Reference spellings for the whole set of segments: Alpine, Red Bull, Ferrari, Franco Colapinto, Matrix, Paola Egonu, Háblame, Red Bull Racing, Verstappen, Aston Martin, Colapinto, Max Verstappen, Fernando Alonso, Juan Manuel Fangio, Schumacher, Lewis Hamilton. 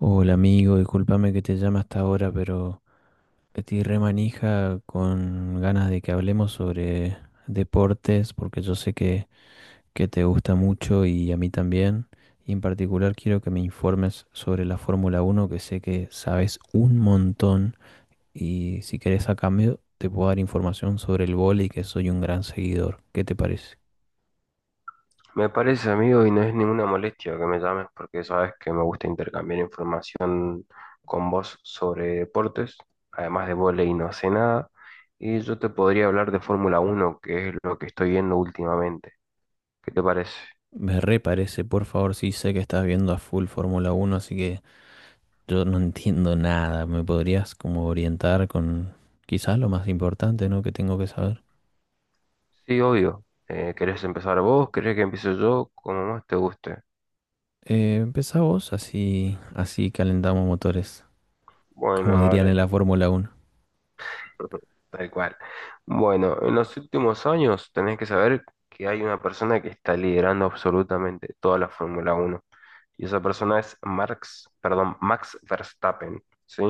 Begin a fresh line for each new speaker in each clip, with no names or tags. Hola amigo, discúlpame que te llame hasta ahora, pero estoy re manija con ganas de que hablemos sobre deportes, porque yo sé que te gusta mucho y a mí también. Y en particular quiero que me informes sobre la Fórmula Uno, que sé que sabes un montón. Y si querés a cambio, te puedo dar información sobre el vóley, que soy un gran seguidor. ¿Qué te parece?
Me parece, amigo, y no es ninguna molestia que me llames porque sabes que me gusta intercambiar información con vos sobre deportes. Además de vóley no sé nada. Y yo te podría hablar de Fórmula uno que es lo que estoy viendo últimamente. ¿Qué te parece?
Me re parece, por favor, sí sé que estás viendo a full Fórmula Uno, así que yo no entiendo nada. ¿Me podrías como orientar con quizás lo más importante, ¿no?, que tengo que saber?
Sí, obvio. ¿Querés empezar vos? ¿Querés que empiece yo? Como más te guste.
Empezá vos, así, así calentamos motores, como
Bueno,
dirían
dale.
en la Fórmula Uno.
Tal cual. Bueno, en los últimos años tenés que saber que hay una persona que está liderando absolutamente toda la Fórmula uno. Y esa persona es Max Verstappen, ¿sí?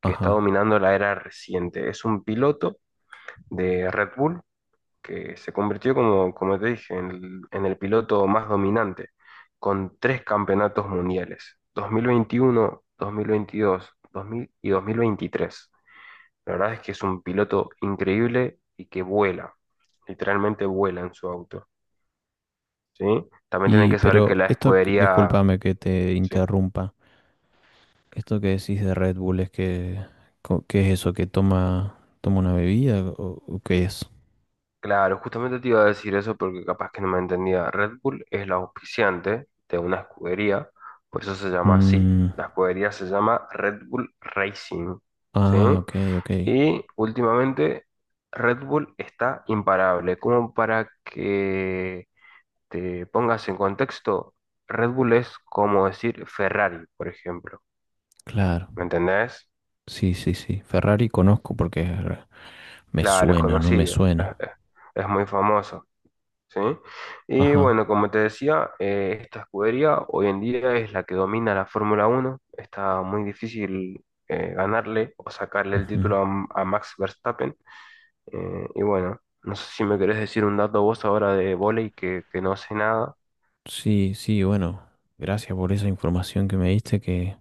Que está
Ajá.
dominando la era reciente. Es un piloto de Red Bull que se convirtió, como te dije, en el piloto más dominante, con tres campeonatos mundiales, 2021, 2022, 2000 y 2023. La verdad es que es un piloto increíble y que vuela, literalmente vuela en su auto, ¿sí? También tienen
Y
que saber que
pero
la
esto,
escudería,
discúlpame que te
sí,
interrumpa. Esto que decís de Red Bull es que, ¿qué es eso? ¿Que toma, toma una bebida o qué es?
claro, justamente te iba a decir eso porque capaz que no me entendía. Red Bull es la auspiciante de una escudería, por eso se llama así.
Mm,
La escudería se llama Red Bull Racing, ¿sí?
ah, ok, ok.
Y últimamente Red Bull está imparable. Como para que te pongas en contexto, Red Bull es como decir Ferrari, por ejemplo.
Claro.
¿Me entendés?
Sí, sí, sí. Ferrari conozco porque me
Claro, es
suena, no me
conocido,
suena.
es muy famoso. ¿Sí? Y
Ajá.
bueno, como te decía, esta escudería hoy en día es la que domina la Fórmula uno. Está muy difícil ganarle o sacarle el
Ujú.
título a, Max Verstappen. Y bueno, no sé si me querés decir un dato vos ahora de vóley que no sé nada.
Sí, sí, bueno, gracias por esa información que me diste,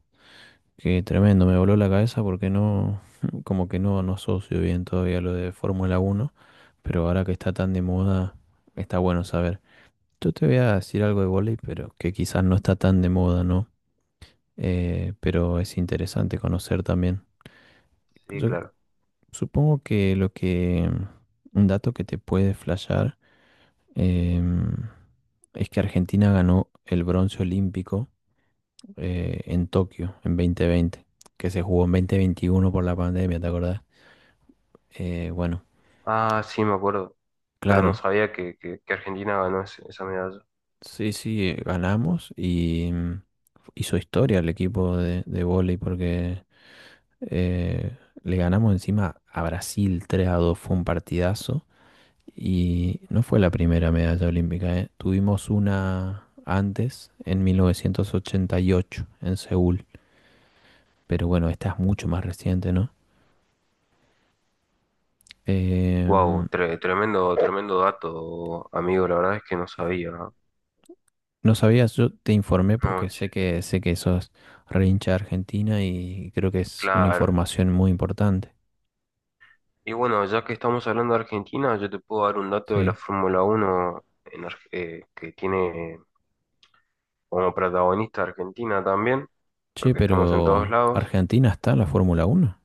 que tremendo, me voló la cabeza porque no, como que no, no asocio bien todavía lo de Fórmula Uno, pero ahora que está tan de moda, está bueno saber. Yo te voy a decir algo de vóley, pero que quizás no está tan de moda, ¿no? Pero es interesante conocer también.
Sí,
Yo
claro.
supongo que lo que, un dato que te puede flashear, em, es que Argentina ganó el bronce olímpico en Tokio en 2020, que se jugó en 2021 por la pandemia, ¿te acordás? Bueno,
Ah, sí, me acuerdo, pero no
claro,
sabía que Argentina ganó esa medalla.
sí, sí, ganamos y mm, hizo historia el equipo de vóley porque eh, le ganamos encima a Brasil 3-2, fue un partidazo y no fue la primera medalla olímpica, ¿eh? Tuvimos una antes en 1988 en Seúl, pero bueno, esta es mucho más reciente, ¿no?
Wow,
Em,
tremendo, tremendo dato, amigo. La verdad es que no sabía. ¿No?
No sabías, yo te informé
No,
porque
che,
sé que sos re hincha de Argentina y creo que es una
claro.
información muy importante.
Y bueno, ya que estamos hablando de Argentina, yo te puedo dar un dato de la
Sí.
Fórmula Uno en que tiene como protagonista Argentina también,
Che,
porque estamos en todos
pero
lados.
Argentina está en la Fórmula Uno.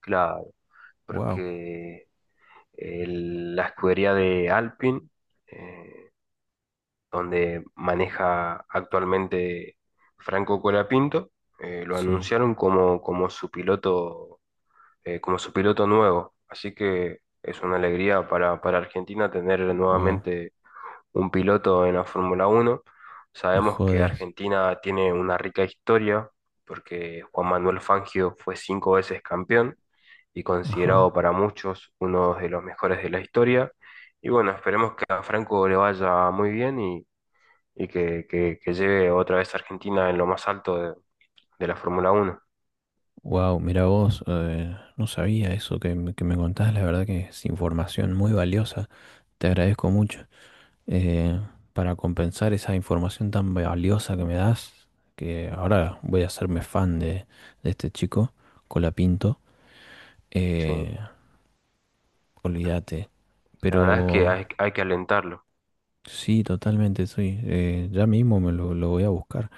Claro,
Wow.
porque la escudería de Alpine, eh, donde maneja actualmente Franco Colapinto, lo
Sí.
anunciaron como su piloto nuevo. Así que es una alegría para Argentina tener
Wow.
nuevamente un piloto en la Fórmula Uno.
Me
Sabemos que
jodes.
Argentina tiene una rica historia porque Juan Manuel Fangio fue cinco veces campeón y considerado
Ajá.
para muchos uno de los mejores de la historia. Y bueno, esperemos que a Franco le vaya muy bien y que lleve otra vez a Argentina en lo más alto de la Fórmula Uno.
Wow, mira vos, no sabía eso que, que me contás, la verdad que es información muy valiosa. Te agradezco mucho. eh, para compensar esa información tan valiosa que me das, que ahora voy a hacerme fan de este chico, Colapinto.
Sí.
Eh, Olvídate.
La verdad es que
Pero
hay que alentarlo.
sí, totalmente, sí. Ya mismo me lo voy a buscar.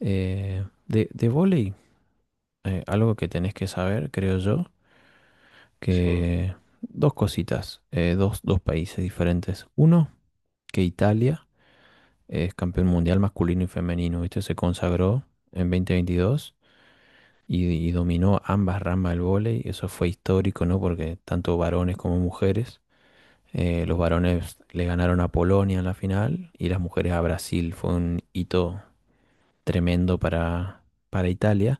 De vóley, algo que tenés que saber, creo yo,
Sí.
que dos cositas, dos, dos países diferentes. Uno, que Italia es campeón mundial masculino y femenino, ¿viste? Se consagró en 2022 y dominó ambas ramas del vóley. Eso fue histórico, ¿no? Porque tanto varones como mujeres. Los varones le ganaron a Polonia en la final y las mujeres a Brasil. Fue un hito tremendo para Italia.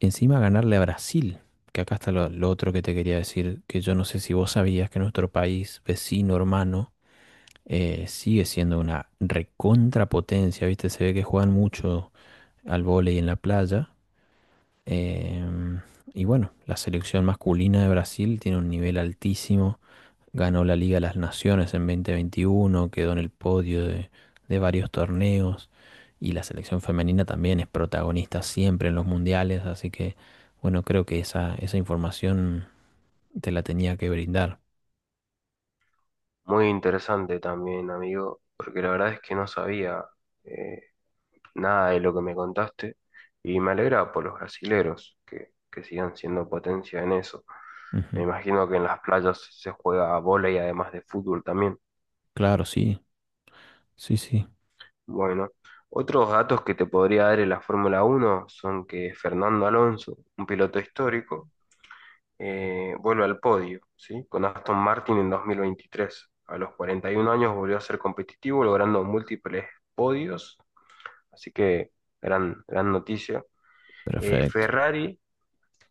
Encima ganarle a Brasil, que acá está lo otro que te quería decir, que yo no sé si vos sabías que nuestro país vecino, hermano, sigue siendo una recontrapotencia, ¿viste? Se ve que juegan mucho al vóley en la playa. Em, y bueno, la selección masculina de Brasil tiene un nivel altísimo. Ganó la Liga de las Naciones en 2021, quedó en el podio de varios torneos. Y la selección femenina también es protagonista siempre en los mundiales. Así que, bueno, creo que esa información te la tenía que brindar.
Muy interesante también, amigo, porque la verdad es que no sabía. eh, Nada de lo que me contaste y me alegra por los brasileros que sigan siendo potencia en eso. Me
Ujú.
imagino que en las playas se juega bola y además de fútbol también.
Claro, sí, sí, sí.
Bueno, otros datos que te podría dar en la Fórmula uno son que Fernando Alonso, un piloto histórico, vuelve al podio, ¿sí? Con Aston Martin en 2023. A los 41 años volvió a ser competitivo, logrando múltiples podios, así que gran, gran noticia.
Perfecto.
Ferrari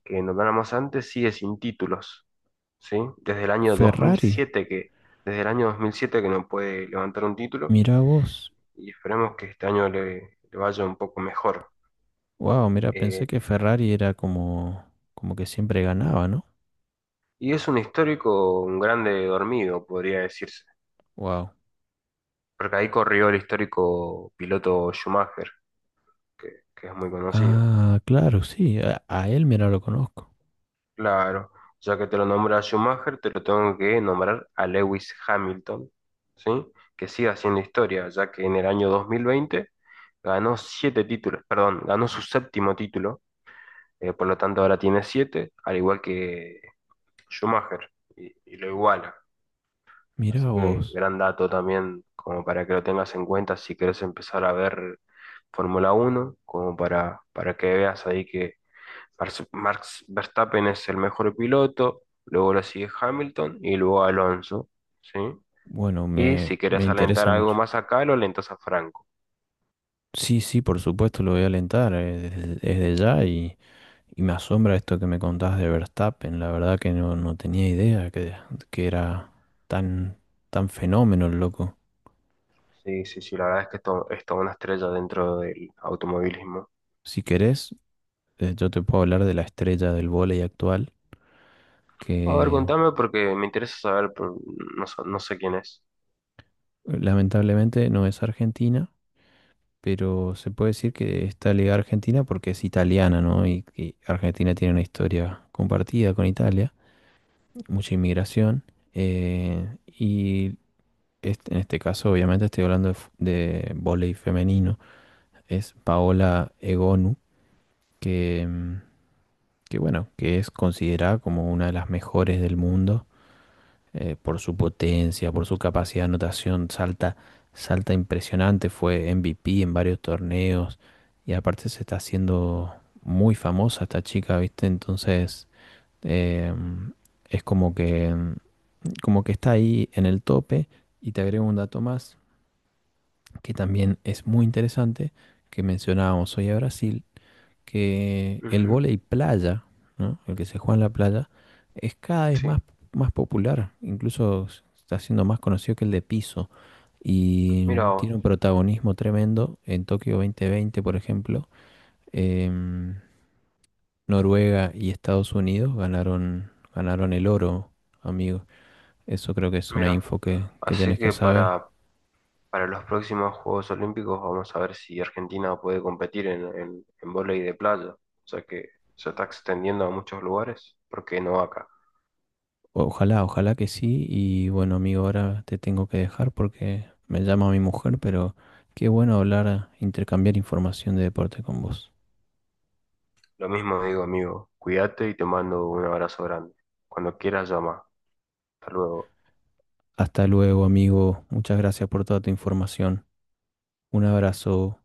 que nombramos antes sigue sin títulos, ¿sí?
Ferrari,
Desde el año 2007 que no puede levantar un título
mira vos.
y esperemos que este año le vaya un poco mejor.
Wow, mira,
Eh,
pensé que Ferrari era como, como que siempre ganaba, ¿no?
y es un histórico, un grande dormido, podría decirse,
Wow.
porque ahí corrió el histórico piloto Schumacher, que es muy conocido.
Ah, claro, sí. A él, mira, lo conozco.
Claro, ya que te lo nombré a Schumacher, te lo tengo que nombrar a Lewis Hamilton, ¿sí? Que sigue haciendo historia, ya que en el año 2020 ganó ganó su séptimo título, por lo tanto ahora tiene siete, al igual que Schumacher, y lo iguala. Así
Mira
que
vos.
gran dato también, como para que lo tengas en cuenta si quieres empezar a ver Fórmula Uno, como para que veas ahí que Max Verstappen es el mejor piloto, luego lo sigue Hamilton y luego Alonso, ¿sí?
Bueno,
Y
me,
si
me
querés alentar
interesa
algo
mucho.
más acá, lo alentas a Franco.
Sí, sí, por supuesto, lo voy a alentar desde, desde ya y me asombra esto que me contás de Verstappen. La verdad que no, no tenía idea que era tan, tan fenómeno el loco.
Sí, sí, sí, la verdad es que esto es toda una estrella dentro del automovilismo.
Si querés, yo te puedo hablar de la estrella del vóley actual,
A ver,
que
contame porque me interesa saber, pero no, no sé quién es.
lamentablemente no es argentina pero se puede decir que está ligada a Argentina porque es italiana, ¿no? Y Argentina tiene una historia compartida con Italia, mucha inmigración. eh, y en este caso, obviamente, estoy hablando de, de vóley femenino. Es Paola Egonu, que, mm, que bueno, que es considerada como una de las mejores del mundo, por su potencia, por su capacidad de anotación, salta, salta impresionante, fue MVP en varios torneos y aparte se está haciendo muy famosa esta chica, ¿viste? Entonces eh, es como que está ahí en el tope y te agrego un dato más que también es muy interesante, que mencionábamos hoy a Brasil, que el
Ujú,
vóley playa, ¿no? El que se juega en la playa, es cada vez
sí,
más, más popular, incluso está siendo más conocido que el de piso
mira
y
vos,
tiene un protagonismo tremendo en Tokio 2020, por ejemplo. em, Noruega y Estados Unidos ganaron, ganaron el oro, amigo. Eso creo que es una
mira.
info que
Así
tenés que
que
saber.
para, Para los próximos Juegos Olímpicos vamos a ver si Argentina puede competir en vóley de playa, o sea que se está extendiendo a muchos lugares, ¿por qué no acá?
Ojalá, ojalá que sí. Y bueno, amigo, ahora te tengo que dejar porque me llama mi mujer, pero qué bueno hablar, intercambiar información de deporte con vos.
Lo mismo digo, amigo, cuídate y te mando un abrazo grande. Cuando quieras, llama. Hasta luego.
Hasta luego, amigo. Muchas gracias por toda tu información. Un abrazo.